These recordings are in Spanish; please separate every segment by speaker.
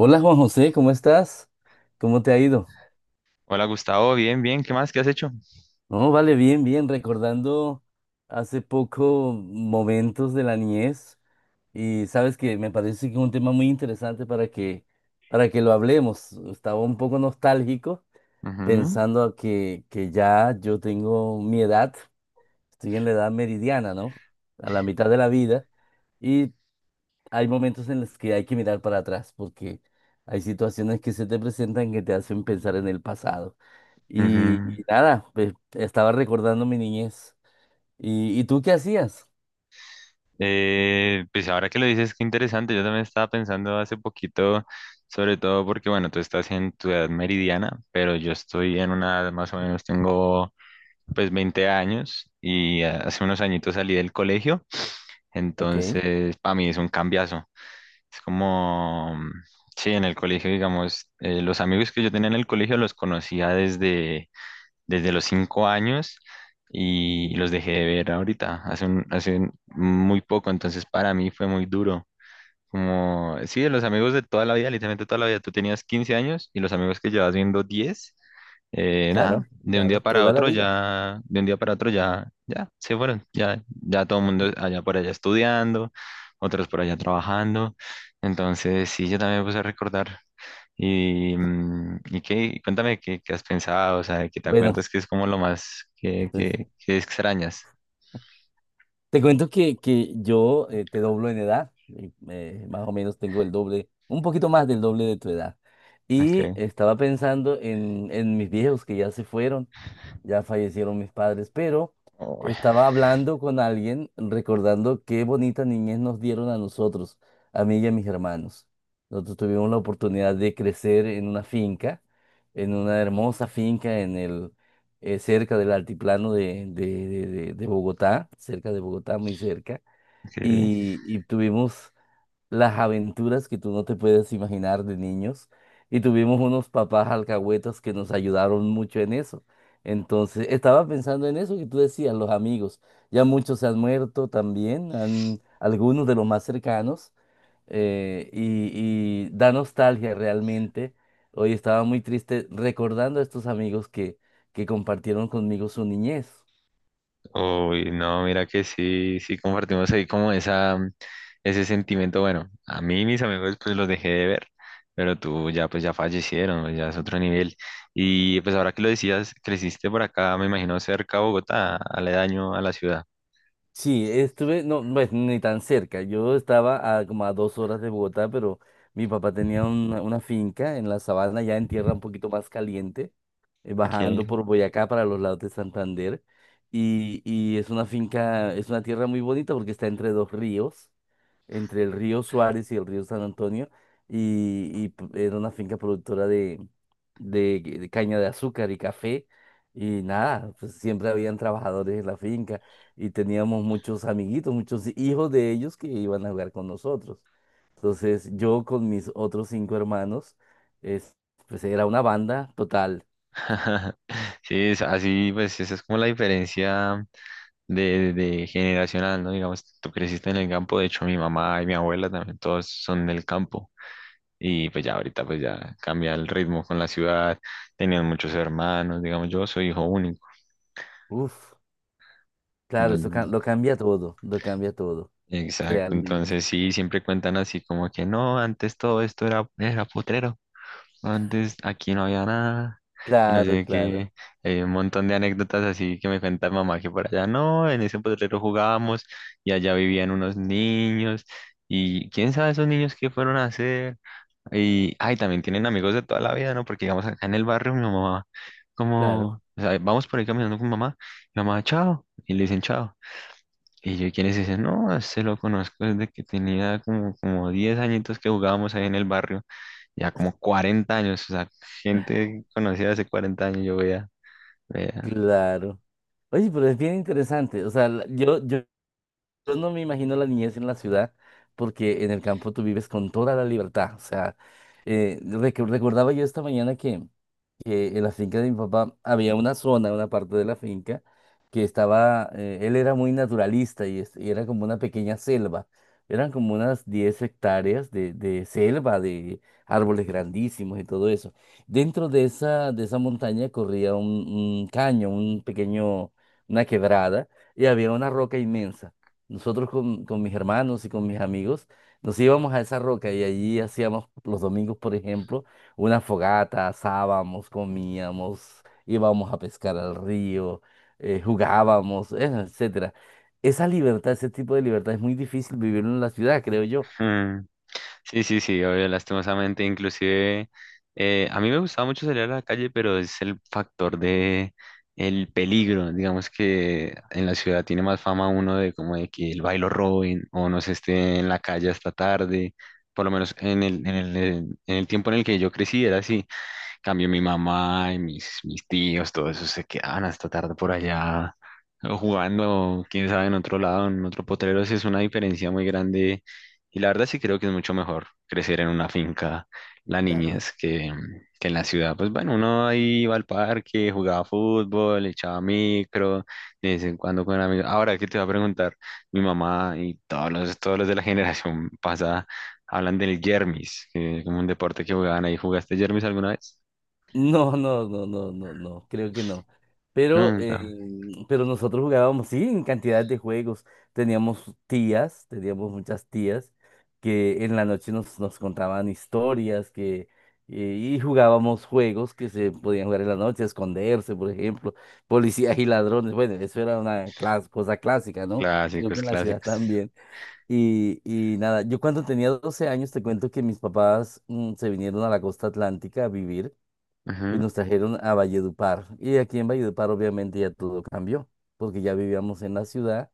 Speaker 1: Hola Juan José, ¿cómo estás? ¿Cómo te ha ido?
Speaker 2: Hola Gustavo, bien, bien, ¿qué más? ¿Qué has hecho?
Speaker 1: No, vale, bien, bien, recordando hace poco momentos de la niñez, y sabes que me parece que es un tema muy interesante para que lo hablemos. Estaba un poco nostálgico
Speaker 2: Ujú,
Speaker 1: pensando a que ya yo tengo mi edad, estoy en la edad meridiana, ¿no? A la mitad de la vida, y hay momentos en los que hay que mirar para atrás porque hay situaciones que se te presentan que te hacen pensar en el pasado. Y,
Speaker 2: ujú.
Speaker 1: y nada, pues, estaba recordando mi niñez. ¿Y tú qué hacías?
Speaker 2: Pues ahora que lo dices, qué interesante. Yo también estaba pensando hace poquito, sobre todo porque, bueno, tú estás en tu edad meridiana, pero yo estoy en una edad más o menos, tengo pues 20 años y hace unos añitos salí del colegio,
Speaker 1: Ok,
Speaker 2: entonces para mí es un cambiazo. Es como, sí, en el colegio, digamos, los amigos que yo tenía en el colegio los conocía desde los 5 años y los dejé de ver ahorita, hace, muy poco, entonces para mí fue muy duro. Como, sí, de los amigos de toda la vida, literalmente toda la vida, tú tenías 15 años y los amigos que llevas viendo 10, nada,
Speaker 1: claro,
Speaker 2: de un día
Speaker 1: claro,
Speaker 2: para
Speaker 1: toda la
Speaker 2: otro
Speaker 1: vida.
Speaker 2: ya, de un día para otro ya, ya, se fueron, ya, ya todo el mundo allá por allá estudiando, otros por allá trabajando, entonces sí, yo también me puse a recordar y, y qué, cuéntame qué, qué has pensado, o sea, que te
Speaker 1: Bueno,
Speaker 2: acuerdas que es como lo más
Speaker 1: pues
Speaker 2: que extrañas.
Speaker 1: te cuento que yo, te doblo en edad, más o menos tengo el doble, un poquito más del doble de tu edad. Y
Speaker 2: Okay.
Speaker 1: estaba pensando en mis viejos que ya se fueron, ya fallecieron mis padres, pero
Speaker 2: Uy,
Speaker 1: estaba hablando con alguien recordando qué bonita niñez nos dieron a nosotros, a mí y a mis hermanos. Nosotros tuvimos la oportunidad de crecer en una finca, en una hermosa finca en el cerca del altiplano de Bogotá, cerca de Bogotá, muy cerca,
Speaker 2: ok.
Speaker 1: y tuvimos las aventuras que tú no te puedes imaginar de niños. Y tuvimos unos papás alcahuetas que nos ayudaron mucho en eso. Entonces, estaba pensando en eso que tú decías, los amigos. Ya muchos se han muerto también, algunos de los más cercanos. eh, y, y da nostalgia realmente. Hoy estaba muy triste recordando a estos amigos que compartieron conmigo su niñez.
Speaker 2: Uy, no, mira que sí, sí compartimos ahí como esa, ese sentimiento. Bueno, a mí mis amigos pues los dejé de ver, pero tú ya pues ya fallecieron, pues, ya es otro nivel. Y pues ahora que lo decías, creciste por acá, me imagino cerca a Bogotá, aledaño a la ciudad.
Speaker 1: Sí, estuve, no, pues ni tan cerca. Yo estaba a como a 2 horas de Bogotá, pero mi papá tenía una finca en la sabana, ya en tierra un poquito más caliente,
Speaker 2: Okay.
Speaker 1: bajando por Boyacá para los lados de Santander. Y es una finca, es una tierra muy bonita porque está entre dos ríos, entre el río Suárez y el río San Antonio. Era una finca productora de caña de azúcar y café. Y nada, pues siempre habían trabajadores en la finca y teníamos muchos amiguitos, muchos hijos de ellos que iban a jugar con nosotros. Entonces yo con mis otros 5 hermanos, es, pues era una banda total.
Speaker 2: Sí, es así, pues esa es como la diferencia de generacional, ¿no? Digamos, tú creciste en el campo, de hecho mi mamá y mi abuela también, todos son del campo. Y pues ya ahorita pues ya cambia el ritmo con la ciudad, tenían muchos hermanos, digamos, yo soy hijo único.
Speaker 1: Uf, claro, eso
Speaker 2: Entonces,
Speaker 1: lo cambia todo,
Speaker 2: exacto,
Speaker 1: realmente.
Speaker 2: entonces sí, siempre cuentan así como que no, antes todo esto era, era potrero. Antes aquí no había nada. Y no
Speaker 1: Claro,
Speaker 2: sé
Speaker 1: claro,
Speaker 2: qué, un montón de anécdotas así que me cuenta mamá, que por allá no, en ese potrero jugábamos y allá vivían unos niños y quién sabe esos niños qué fueron a hacer. Y, ay, también tienen amigos de toda la vida, ¿no? Porque digamos acá en el barrio mi mamá, como,
Speaker 1: claro,
Speaker 2: o sea, vamos por ahí caminando con mamá, y mamá, chao, y le dicen chao. Y yo, ¿y quiénes dicen? No, se lo conozco desde que tenía como, como 10 añitos, que jugábamos ahí en el barrio ya como 40 años, o sea, gente conocida hace 40 años, yo veía, veía.
Speaker 1: claro. Oye, pero es bien interesante. O sea, yo no me imagino la niñez en la ciudad, porque en el campo tú vives con toda la libertad. O sea, recordaba yo esta mañana que en la finca de mi papá había una zona, una parte de la finca, que estaba, él era muy naturalista y y era como una pequeña selva. Eran como unas 10 hectáreas de selva, de árboles grandísimos y todo eso. Dentro de de esa montaña corría un caño, un pequeño, una quebrada, y había una roca inmensa. Nosotros con mis hermanos y con mis amigos nos íbamos a esa roca y allí hacíamos los domingos, por ejemplo, una fogata, asábamos, comíamos, íbamos a pescar al río, jugábamos, etcétera. Esa libertad, ese tipo de libertad es muy difícil vivirlo en la ciudad, creo yo.
Speaker 2: Mm. Sí, sí, sí, obvio, lastimosamente, inclusive, a mí me gustaba mucho salir a la calle, pero es el factor de el peligro, digamos que en la ciudad tiene más fama uno de como de que el bailo Robin o no se esté en la calle hasta tarde, por lo menos en en el tiempo en el que yo crecí era así. Cambio mi mamá y mis tíos, todo eso se quedaban hasta tarde por allá o jugando, quién sabe, en otro lado, en otro potrero. Sí, es una diferencia muy grande y la verdad sí creo que es mucho mejor crecer en una finca
Speaker 1: Sí,
Speaker 2: la
Speaker 1: claro.
Speaker 2: niñez que en la ciudad. Pues bueno, uno ahí iba al parque, jugaba fútbol, echaba micro, de vez en cuando con amigos. Ahora, ¿qué te va a preguntar? Mi mamá y todos los de la generación pasada hablan del yermis, que es como un deporte que jugaban ahí. ¿Jugaste yermis alguna vez?
Speaker 1: No, no, no, no, no, no, creo que no. Pero, eh,
Speaker 2: Nunca.
Speaker 1: pero nosotros jugábamos, sí, en cantidad de juegos. Teníamos tías, teníamos muchas tías que en la noche nos contaban historias que, y jugábamos juegos que se podían jugar en la noche, esconderse, por ejemplo, policías y ladrones. Bueno, eso era una cosa clásica, ¿no? Creo que
Speaker 2: Clásicos,
Speaker 1: en la ciudad
Speaker 2: clásicos.
Speaker 1: también. Y nada, yo cuando tenía 12 años, te cuento que mis papás, se vinieron a la costa atlántica a vivir y
Speaker 2: Ajá,
Speaker 1: nos trajeron a Valledupar. Y aquí en Valledupar obviamente ya todo cambió, porque ya vivíamos en la ciudad.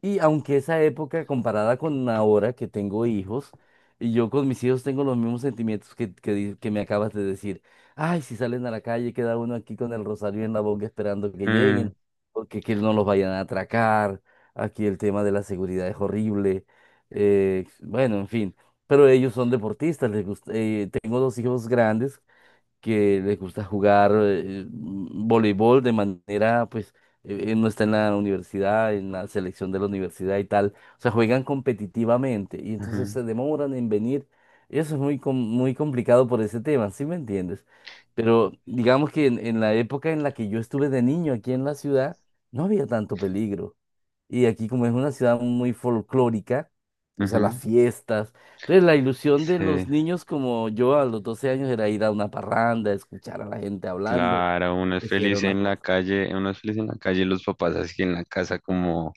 Speaker 1: Y aunque esa época comparada con ahora que tengo hijos, y yo con mis hijos tengo los mismos sentimientos que me acabas de decir. Ay, si salen a la calle, queda uno aquí con el rosario en la boca esperando que
Speaker 2: mm,
Speaker 1: lleguen, porque que no los vayan a atracar. Aquí el tema de la seguridad es horrible. Bueno, en fin. Pero ellos son deportistas, les gusta, tengo 2 hijos grandes que les gusta jugar, voleibol de manera, pues, no está en la universidad, en la selección de la universidad y tal. O sea, juegan competitivamente y entonces
Speaker 2: ajá,
Speaker 1: se demoran en venir. Eso es muy complicado por ese tema, ¿sí me entiendes? Pero digamos que en la época en la que yo estuve de niño aquí en la ciudad, no había tanto peligro. Y aquí como es una ciudad muy folclórica, o sea, las
Speaker 2: ajá.
Speaker 1: fiestas. Entonces la ilusión de los
Speaker 2: Sí,
Speaker 1: niños como yo a los 12 años era ir a una parranda, escuchar a la gente hablando.
Speaker 2: claro, uno es
Speaker 1: Eso era
Speaker 2: feliz
Speaker 1: una
Speaker 2: en la
Speaker 1: cosa.
Speaker 2: calle, uno es feliz en la calle y los papás así en la casa como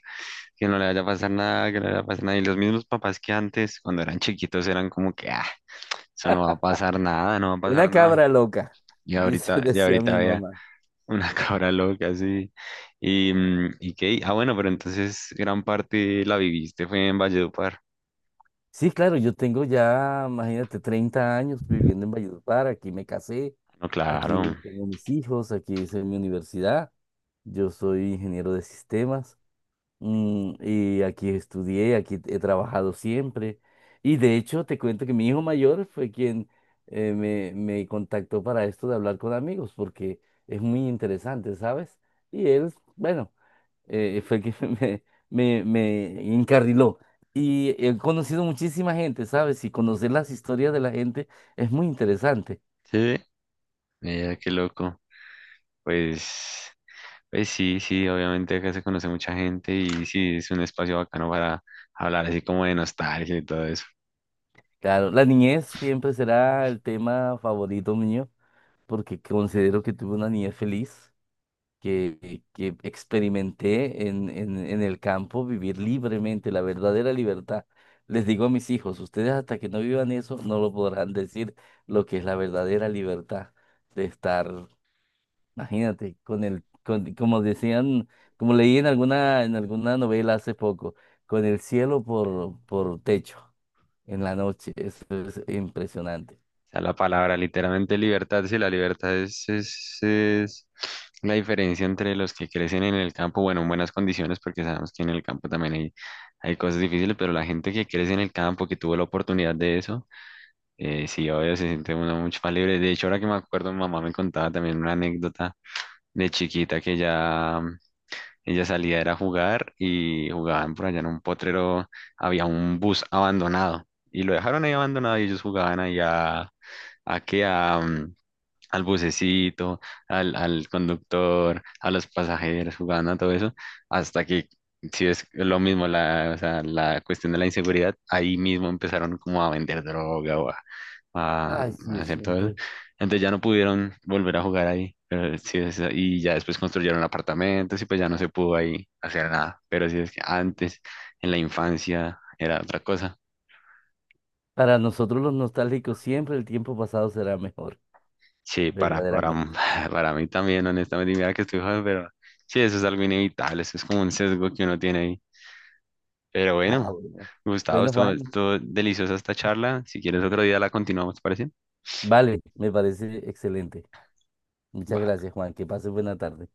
Speaker 2: que no le vaya a pasar nada, que no le vaya a pasar nada. Y los mismos papás que antes, cuando eran chiquitos, eran como que, ah, eso no va a pasar nada, no va a
Speaker 1: Una
Speaker 2: pasar nada.
Speaker 1: cabra loca, dice,
Speaker 2: Y
Speaker 1: decía
Speaker 2: ahorita
Speaker 1: mi
Speaker 2: vea
Speaker 1: mamá.
Speaker 2: una cabra loca así. Y, y qué, ah, bueno, pero entonces gran parte la viviste fue en Valledupar.
Speaker 1: Sí, claro, yo tengo ya, imagínate, 30 años viviendo en Valledupar, aquí me casé,
Speaker 2: No, claro.
Speaker 1: aquí tengo mis hijos, aquí hice mi universidad, yo soy ingeniero de sistemas. Y aquí estudié, aquí he trabajado siempre. Y de hecho, te cuento que mi hijo mayor fue quien me contactó para esto de hablar con amigos, porque es muy interesante, ¿sabes? Y él, bueno, fue quien me, me encarriló. Y he conocido muchísima gente, ¿sabes? Y conocer las historias de la gente es muy interesante.
Speaker 2: Sí, mira, qué loco. Pues, pues sí, sí, obviamente acá se conoce mucha gente y sí, es un espacio bacano para hablar así como de nostalgia y todo eso.
Speaker 1: Claro, la niñez siempre será el tema favorito mío, porque considero que tuve una niñez feliz, que experimenté en el campo, vivir libremente, la verdadera libertad. Les digo a mis hijos, ustedes hasta que no vivan eso, no lo podrán decir lo que es la verdadera libertad de estar, imagínate, como decían, como leí en en alguna novela hace poco, con el cielo por techo en la noche. Eso es impresionante.
Speaker 2: O sea, la palabra literalmente libertad, sí, la libertad es la diferencia entre los que crecen en el campo, bueno, en buenas condiciones porque sabemos que en el campo también hay cosas difíciles, pero la gente que crece en el campo, que tuvo la oportunidad de eso, sí, obvio, se siente uno mucho más libre. De hecho, ahora que me acuerdo, mi mamá me contaba también una anécdota de chiquita, que ya ella salía era a jugar y jugaban por allá en un potrero, había un bus abandonado y lo dejaron ahí abandonado y ellos jugaban allá a que a, mm, al bucecito, al conductor, a los pasajeros, jugando a todo eso, hasta que, si es lo mismo, la, o sea, la cuestión de la inseguridad, ahí mismo empezaron como a vender droga o a-
Speaker 1: Ay, sí,
Speaker 2: hacer todo eso.
Speaker 1: siempre.
Speaker 2: Entonces ya no pudieron volver a jugar ahí, pero sí es- y ya después construyeron apartamentos y pues ya no se pudo ahí hacer nada, pero sí es que antes, en la infancia, era otra cosa.
Speaker 1: Para nosotros los nostálgicos, siempre el tiempo pasado será mejor,
Speaker 2: Sí,
Speaker 1: verdaderamente.
Speaker 2: para mí también, honestamente, y mira que estoy joven, pero sí, eso es algo inevitable, eso es como un sesgo que uno tiene ahí. Pero
Speaker 1: Ah,
Speaker 2: bueno,
Speaker 1: bueno.
Speaker 2: Gustavo,
Speaker 1: Bueno, Juan,
Speaker 2: estuvo deliciosa esta charla. Si quieres otro día la continuamos, ¿te parece?
Speaker 1: vale, me parece excelente. Muchas
Speaker 2: Va.
Speaker 1: gracias, Juan. Que pases buena tarde.